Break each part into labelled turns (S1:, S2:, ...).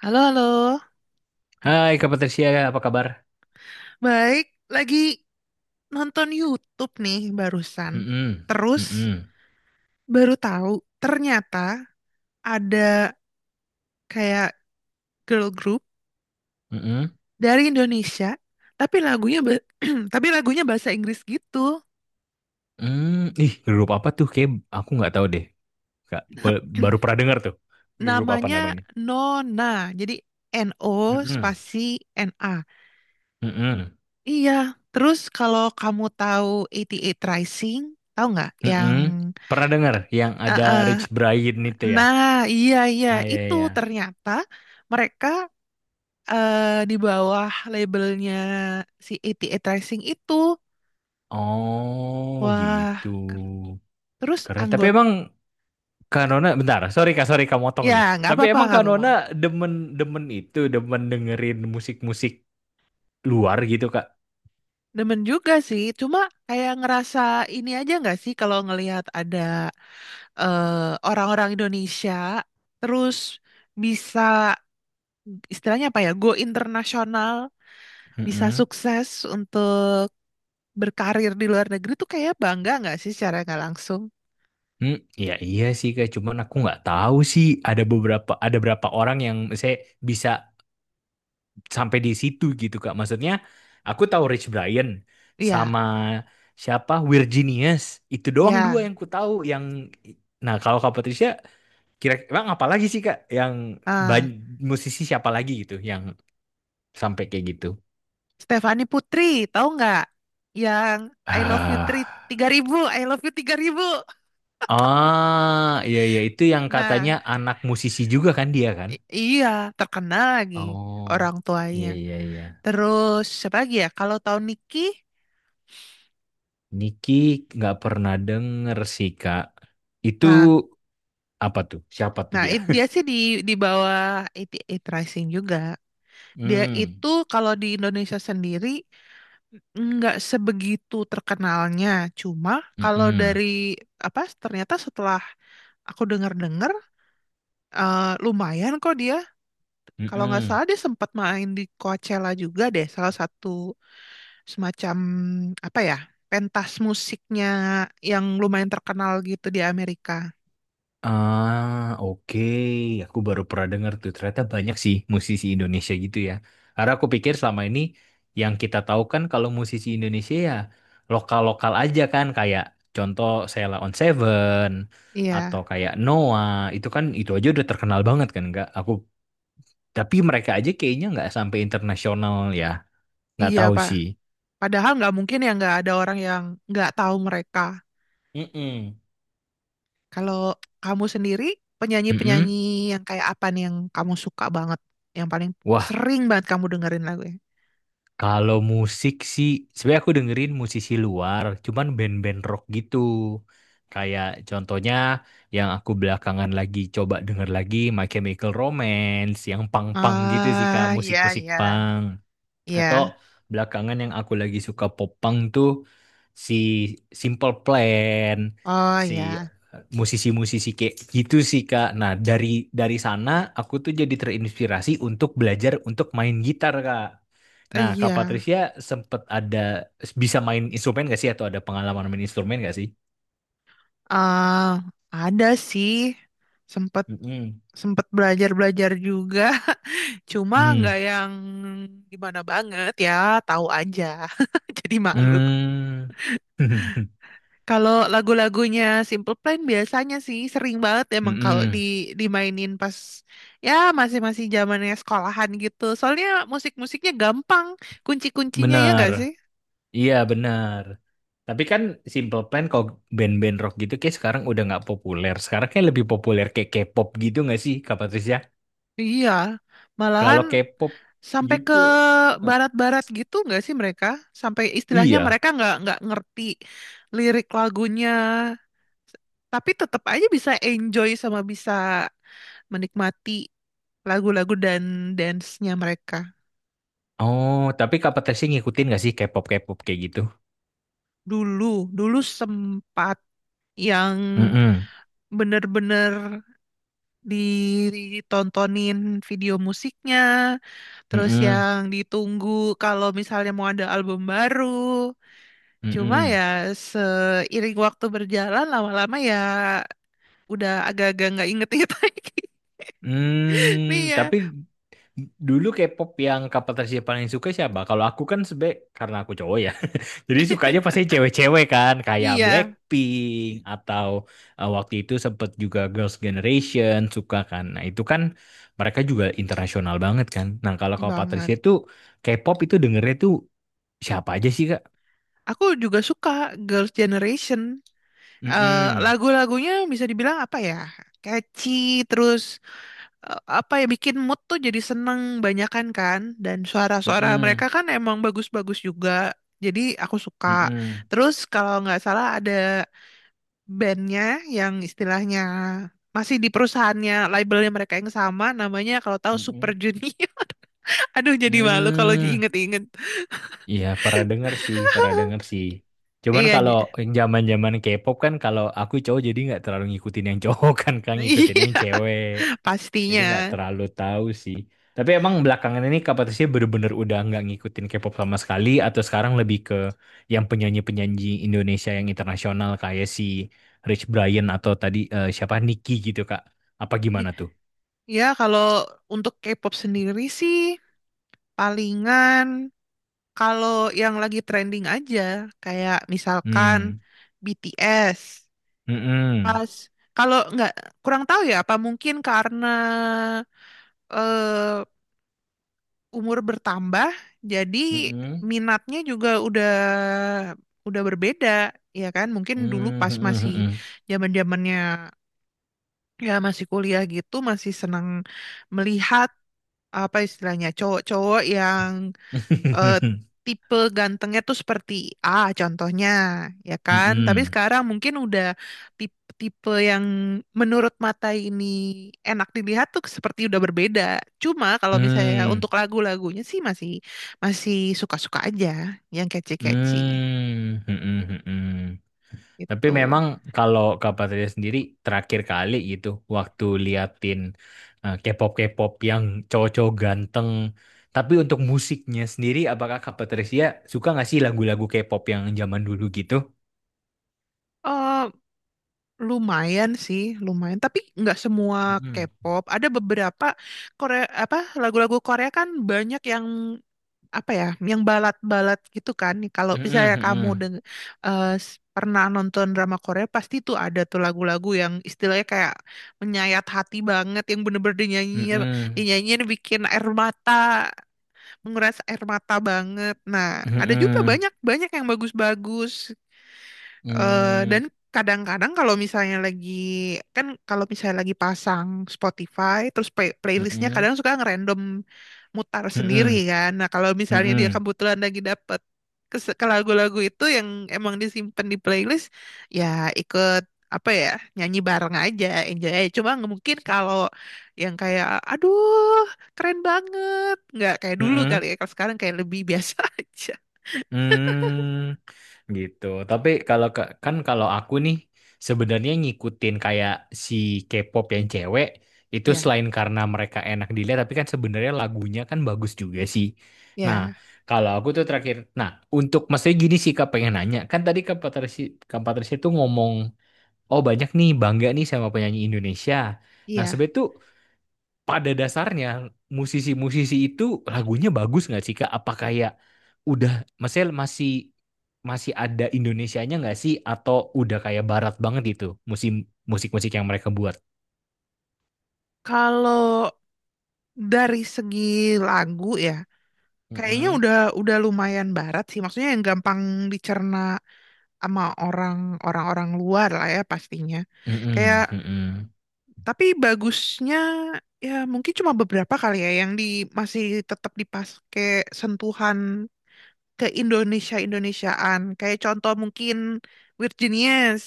S1: Halo, halo.
S2: Hai Kak Patricia, apa kabar?
S1: Baik, lagi nonton YouTube nih barusan.
S2: Mm-mm.
S1: Terus
S2: Mm-mm.
S1: baru tahu ternyata ada kayak girl group
S2: Mm-mm.
S1: dari Indonesia, tapi lagunya ba- tapi lagunya bahasa Inggris gitu.
S2: Mm. Ih, grup apa tuh? Kayak aku nggak tahu deh. Kak, baru pernah dengar tuh. Grup apa
S1: Namanya
S2: namanya?
S1: Nona. Jadi N O
S2: Mm-mm.
S1: spasi N A.
S2: Mm-mm.
S1: Iya, terus kalau kamu tahu 88 Rising, tahu nggak yang
S2: Mm-mm. Pernah dengar yang
S1: eh, eh,
S2: ada
S1: eh,
S2: Rich Brian itu ya?
S1: nah, iya iya
S2: Nah, ya,
S1: itu
S2: ya.
S1: ternyata mereka eh, di bawah labelnya si ATA Tracing itu.
S2: Oh,
S1: Wah,
S2: gitu.
S1: terus
S2: Keren. Tapi emang Kak Nona, bentar. Sorry Kak motong
S1: ya
S2: nih.
S1: nggak
S2: Tapi
S1: apa-apa,
S2: emang
S1: nggak
S2: Kak
S1: apa-apa.
S2: Nona demen, demen itu, demen dengerin musik-musik luar gitu Kak.
S1: Demen juga sih, cuma kayak ngerasa ini aja nggak sih kalau ngelihat ada eh, orang-orang Indonesia terus bisa istilahnya apa ya go internasional, bisa
S2: Mm-mm.
S1: sukses untuk berkarir di luar negeri tuh kayak bangga nggak sih secara nggak langsung?
S2: Hmm, ya iya sih kayak cuman aku nggak tahu sih ada beberapa ada berapa orang yang saya bisa sampai di situ gitu Kak. Maksudnya aku tahu Rich Brian
S1: Iya,
S2: sama siapa Virginius itu doang dua
S1: ya.
S2: yang ku tahu yang nah kalau Kak Patricia kira emang apa lagi sih Kak yang
S1: Ah,
S2: ban- musisi siapa lagi gitu yang sampai kayak gitu.
S1: Stefani Putri, tahu nggak? Yang I love you
S2: Ah,
S1: 3.000, I love you 3.000.
S2: ah iya iya itu yang katanya
S1: Nah,
S2: anak musisi juga kan dia kan?
S1: iya, terkenal lagi
S2: Oh,
S1: orang tuanya.
S2: iya iya iya.
S1: Terus siapa lagi ya? Kalau tahu Niki,
S2: Niki nggak pernah denger sih Kak. Itu
S1: nah,
S2: apa tuh? Siapa tuh
S1: nah
S2: dia?
S1: dia sih di bawah 88 Rising juga. Dia
S2: Hmm,
S1: itu kalau di Indonesia sendiri nggak sebegitu terkenalnya. Cuma kalau
S2: mm-mm,
S1: dari apa? Ternyata setelah aku dengar-dengar, eh, lumayan kok dia. Kalau nggak
S2: mm-mm.
S1: salah dia sempat main di Coachella juga deh. Salah satu semacam apa ya pentas musiknya yang lumayan terkenal gitu di Amerika.
S2: Ah, oke. Aku baru pernah denger tuh. Ternyata banyak sih musisi Indonesia gitu ya. Karena aku pikir selama ini yang kita tahu kan kalau musisi Indonesia ya lokal-lokal aja kan. Kayak contoh Sheila on Seven
S1: Iya,
S2: atau kayak Noah. Itu kan itu aja udah terkenal banget kan enggak? Aku tapi mereka aja kayaknya nggak sampai internasional ya, nggak
S1: iya
S2: tahu
S1: Pak.
S2: sih.
S1: Padahal nggak mungkin ya nggak ada orang yang nggak tahu mereka.
S2: Mm-mm.
S1: Kalau kamu sendiri, penyanyi-penyanyi
S2: Mm-mm.
S1: yang kayak apa nih yang kamu suka banget, yang paling
S2: Wah,
S1: sering banget kamu dengerin lagunya?
S2: kalau musik sih, sebenarnya aku dengerin musisi luar, cuman band-band rock gitu. Kayak contohnya yang aku belakangan lagi coba denger lagi My Chemical Romance, yang punk-punk gitu sih Kak,
S1: Ah, iya,
S2: musik-musik
S1: iya,
S2: punk. Atau
S1: iya.
S2: belakangan yang aku lagi suka popang tuh si Simple Plan,
S1: Oh,
S2: si
S1: iya.
S2: musisi-musisi kayak gitu sih Kak. Nah, dari sana aku tuh jadi terinspirasi untuk belajar untuk main gitar Kak. Nah, Kak
S1: Iya.
S2: Patricia sempet ada bisa main instrumen gak sih atau ada pengalaman main instrumen gak sih?
S1: Ah, ada sih, sempet
S2: Mm-mm.
S1: sempet belajar belajar juga, cuma nggak
S2: Hmm.
S1: yang gimana banget ya, tahu aja. Jadi malu.
S2: Hmm.
S1: Kalau lagu-lagunya Simple Plan biasanya sih sering banget emang kalau di
S2: Mm-mm.
S1: dimainin pas ya masih-masih zamannya sekolahan gitu. Soalnya musik-musiknya gampang, kunci-kuncinya ya
S2: Benar.
S1: nggak sih?
S2: Iya benar. Tapi kan Simple Plan kalau band-band rock gitu kayak sekarang udah nggak populer. Sekarang kayak lebih populer kayak K-pop gitu nggak sih Kak Patricia?
S1: Iya,
S2: Kalau
S1: malahan
S2: K-pop
S1: sampai ke
S2: gitu, eh,
S1: barat-barat gitu nggak sih mereka? Sampai istilahnya
S2: iya.
S1: mereka nggak ngerti lirik lagunya, tapi tetap aja bisa enjoy sama bisa menikmati lagu-lagu dan dance-nya mereka.
S2: Oh, tapi Kak Patricia ngikutin nggak sih K-pop K-pop kayak gitu?
S1: Dulu, dulu sempat yang
S2: Mm-mm.
S1: bener-bener ditontonin video musiknya, terus
S2: Mm-mm.
S1: yang ditunggu kalau misalnya mau ada album baru. Cuma ya
S2: Mm-mm.
S1: seiring waktu berjalan lama-lama ya udah agak-agak nggak inget-inget lagi. Nih
S2: Hmm,
S1: ya,
S2: tapi dulu K-pop yang Kak Patricia paling suka siapa? Kalau aku kan sebe Karena aku cowok ya. Jadi sukanya pasti cewek-cewek kan, kayak
S1: iya
S2: Blackpink atau waktu itu sempet juga Girls' Generation suka kan. Nah itu kan mereka juga internasional banget kan. Nah kalau kalau
S1: banget.
S2: Patricia itu K-pop itu dengernya tuh siapa aja sih Kak?
S1: Aku juga suka Girls' Generation. Eh,
S2: Mm-mm,
S1: Lagu-lagunya bisa dibilang apa ya? Catchy, terus apa ya bikin mood tuh jadi seneng banyakan kan. Dan suara-suara
S2: mm-mm,
S1: mereka kan emang bagus-bagus juga. Jadi aku suka.
S2: mm-mm,
S1: Terus kalau nggak salah ada bandnya yang istilahnya masih di perusahaannya labelnya mereka yang sama namanya, kalau tahu Super
S2: mm-mm,
S1: Junior. Aduh, jadi malu kalau
S2: mm.
S1: diinget-inget.
S2: Iya pernah denger sih, pernah denger sih. Cuman
S1: Iya,
S2: kalau yang zaman-zaman K-pop kan kalau aku cowok jadi nggak terlalu ngikutin yang cowok kan, kan ngikutin yang
S1: iya
S2: cewek. Jadi
S1: pastinya.
S2: nggak terlalu tahu sih. Tapi emang belakangan ini Kak Patricia bener-bener udah nggak ngikutin K-pop sama sekali atau sekarang lebih ke yang penyanyi-penyanyi Indonesia yang internasional kayak si Rich Brian atau tadi siapa Nicky gitu Kak. Apa gimana tuh?
S1: Ya, kalau untuk K-pop sendiri sih palingan kalau yang lagi trending aja, kayak misalkan
S2: Hmm.
S1: BTS.
S2: Mm-mm.
S1: Pas kalau nggak, kurang tahu ya, apa mungkin karena eh, umur bertambah, jadi
S2: Mm-mm.
S1: minatnya juga udah berbeda, ya kan? Mungkin dulu
S2: Mm-mm.
S1: pas masih
S2: Mm-mm.
S1: zaman-zamannya, ya masih kuliah gitu, masih senang melihat apa istilahnya cowok-cowok yang eh, tipe gantengnya tuh seperti A contohnya, ya kan? Tapi
S2: Mm-mm.
S1: sekarang mungkin udah tipe-tipe yang menurut mata ini enak dilihat tuh seperti udah berbeda. Cuma kalau misalnya
S2: Mm.
S1: untuk lagu-lagunya sih masih masih suka-suka aja yang catchy-catchy
S2: Mm. Mm. Mm-mm. Tapi
S1: gitu.
S2: memang kalau Kak Patria sendiri terakhir kali gitu waktu liatin K-pop K-pop yang cowok-cowok ganteng. Tapi untuk musiknya sendiri, apakah Kak Patricia suka nggak sih lagu-lagu K-pop yang zaman dulu gitu?
S1: Eh Lumayan sih, lumayan. Tapi nggak semua
S2: Mm-mm.
S1: K-pop. Ada beberapa Korea, apa, lagu-lagu Korea kan banyak yang apa ya yang balat-balat gitu kan. Kalau
S2: Mm-mm,
S1: misalnya kamu
S2: mm-mm,
S1: pernah nonton drama Korea pasti tuh ada tuh lagu-lagu yang istilahnya kayak menyayat hati banget, yang bener-bener dinyanyiin bikin air mata, menguras air mata banget. Nah, ada juga
S2: mm-mm,
S1: banyak banyak yang bagus-bagus. Eh, dan
S2: mm-mm,
S1: kadang-kadang kalau misalnya lagi pasang Spotify terus playlistnya
S2: mm-mm,
S1: kadang suka ngerandom mutar sendiri
S2: mm-mm,
S1: kan. Nah kalau
S2: mm-mm,
S1: misalnya dia
S2: mm-mm,
S1: kebetulan lagi dapet ke lagu-lagu itu yang emang disimpan di playlist, ya ikut apa ya nyanyi bareng aja, enjoy aja. Cuma nggak mungkin kalau yang kayak aduh keren banget, nggak kayak dulu kali
S2: mm-mm,
S1: ya. Kalau sekarang kayak lebih biasa aja.
S2: mm. Gitu. Tapi kan kalau aku nih sebenarnya ngikutin kayak si K-pop yang cewek itu
S1: Ya,
S2: selain karena mereka enak dilihat tapi kan sebenarnya lagunya kan bagus juga sih. Nah,
S1: ya,
S2: kalau aku tuh terakhir nah, untuk maksudnya gini sih Kak pengen nanya. Kan tadi Kak Patricia tuh ngomong oh banyak nih bangga nih sama penyanyi Indonesia. Nah,
S1: iya.
S2: sebenernya tuh pada dasarnya musisi-musisi itu lagunya bagus nggak sih Kak? Apa kayak udah maksudnya masih masih ada Indonesianya nggak sih atau udah kayak barat banget itu musim musik-musik yang mereka buat?
S1: Kalau dari segi lagu ya kayaknya
S2: Mm-mm.
S1: udah lumayan barat sih, maksudnya yang gampang dicerna sama orang-orang luar lah ya pastinya. Kayak,
S2: Mm-mm, mm-mm,
S1: tapi bagusnya ya mungkin cuma beberapa kali ya yang masih tetap dipakai sentuhan ke Indonesia-Indonesiaan. Kayak contoh mungkin Weird Genius,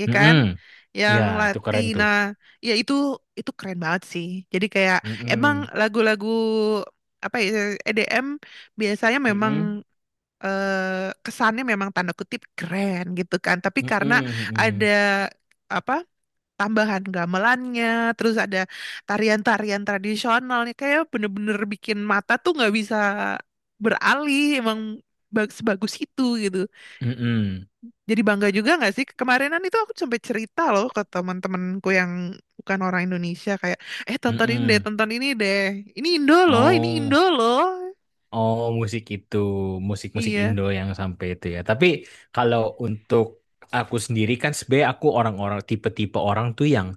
S1: ya kan?
S2: mm-mm.
S1: Yang
S2: Ya, itu keren
S1: Latina,
S2: tuh.
S1: ya itu keren banget sih. Jadi kayak emang
S2: Mm-mm.
S1: lagu-lagu apa ya EDM biasanya memang
S2: Mm-mm.
S1: kesannya memang tanda kutip keren gitu kan. Tapi
S2: Mm-mm.
S1: karena ada
S2: Mm-mm.
S1: apa tambahan gamelannya, terus ada tarian-tarian tradisionalnya, kayak bener-bener bikin mata tuh nggak bisa beralih, emang sebagus itu gitu.
S2: Mm-mm,
S1: Jadi bangga juga nggak sih? Kemarinan itu aku sampai cerita loh ke teman-temanku yang bukan orang Indonesia, kayak,
S2: mm-mm.
S1: tonton ini deh, ini Indo loh, ini Indo
S2: Oh.
S1: loh.
S2: Oh, musik itu, musik-musik
S1: Iya,
S2: Indo yang sampai itu ya. Tapi kalau untuk aku sendiri kan sebenarnya aku orang-orang tipe-tipe orang tuh yang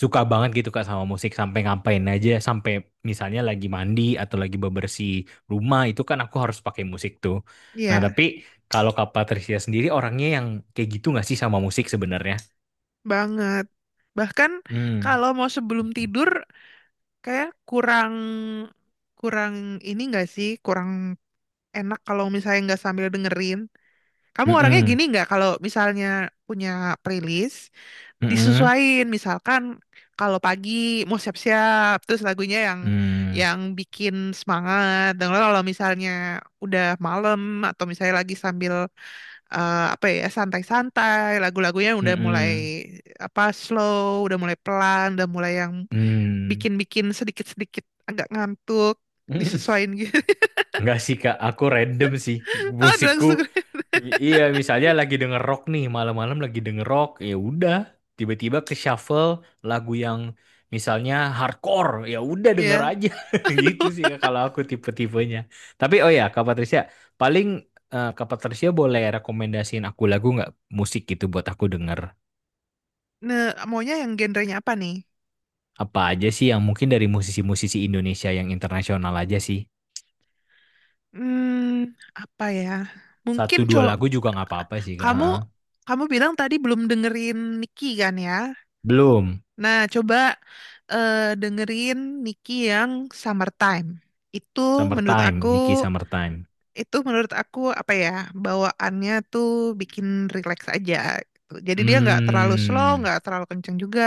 S2: suka banget gitu Kak sama musik sampai ngapain aja, sampai misalnya lagi mandi atau lagi bebersih rumah itu kan aku harus pakai musik tuh. Nah, tapi
S1: iya
S2: kalau Kak Patricia sendiri orangnya yang kayak gitu nggak sih sama musik sebenarnya?
S1: banget. Bahkan
S2: Hmm.
S1: kalau mau sebelum tidur kayak kurang kurang ini nggak sih, kurang enak kalau misalnya nggak sambil dengerin. Kamu orangnya
S2: Mm-mm.
S1: gini nggak kalau misalnya punya playlist
S2: Mm-mm.
S1: disesuaiin, misalkan kalau pagi mau siap-siap terus lagunya yang
S2: Mm.
S1: yang bikin semangat. Dan kalau misalnya udah malam atau misalnya lagi sambil apa ya santai-santai, lagu-lagunya udah mulai
S2: Mm-mm.
S1: apa slow, udah mulai pelan, udah mulai yang
S2: Mm.
S1: bikin-bikin sedikit-sedikit agak ngantuk,
S2: Mm-mm. Mm.
S1: disesuaiin gitu.
S2: Enggak sih Kak, aku random sih
S1: Ada
S2: musikku.
S1: langsung.
S2: Iya, misalnya lagi denger rock nih, malam-malam lagi denger rock, ya udah tiba-tiba ke shuffle lagu yang misalnya hardcore, ya udah denger
S1: Ya.
S2: aja. Gitu sih Kak kalau aku tipe-tipenya. Tapi oh ya, Kak Patricia, paling Kak Patricia boleh rekomendasiin aku lagu nggak musik gitu buat aku denger.
S1: Nah, maunya yang genrenya apa nih?
S2: Apa aja sih yang mungkin dari musisi-musisi Indonesia yang internasional aja sih.
S1: Hmm, apa ya? Mungkin
S2: Satu
S1: co
S2: dua lagu juga nggak apa-apa sih Kak.
S1: kamu
S2: Heeh.
S1: kamu bilang tadi belum dengerin Niki kan ya?
S2: Belum.
S1: Nah, coba eh, dengerin Niki yang Summertime. Itu menurut aku,
S2: Summertime, Nicky Summertime.
S1: apa ya, bawaannya tuh bikin relax aja gitu. Jadi dia nggak terlalu slow,
S2: Hmm.
S1: nggak terlalu kenceng juga.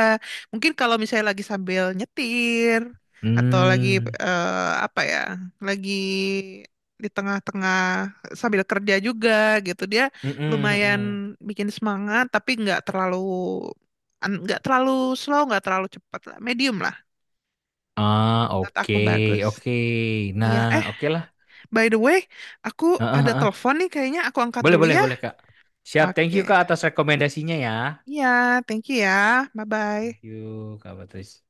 S1: Mungkin kalau misalnya lagi sambil nyetir atau lagi
S2: Hmm.
S1: eh, apa ya, lagi di tengah-tengah sambil kerja juga gitu, dia
S2: Mm-mm,
S1: lumayan
S2: mm-mm.
S1: bikin semangat tapi nggak terlalu nggak terlalu slow, nggak terlalu cepat lah, medium lah.
S2: Ah,
S1: Menurut
S2: oke,
S1: aku bagus.
S2: oke. Nah,
S1: Iya,
S2: oke lah.
S1: by the way, aku
S2: Heeh,
S1: ada
S2: heeh.
S1: telepon nih kayaknya aku angkat
S2: Boleh,
S1: dulu
S2: boleh,
S1: ya.
S2: boleh, Kak. Siap, thank you,
S1: Oke.
S2: Kak, atas rekomendasinya ya.
S1: Iya, thank you ya.
S2: Thank
S1: Bye-bye.
S2: you, Kak Patris.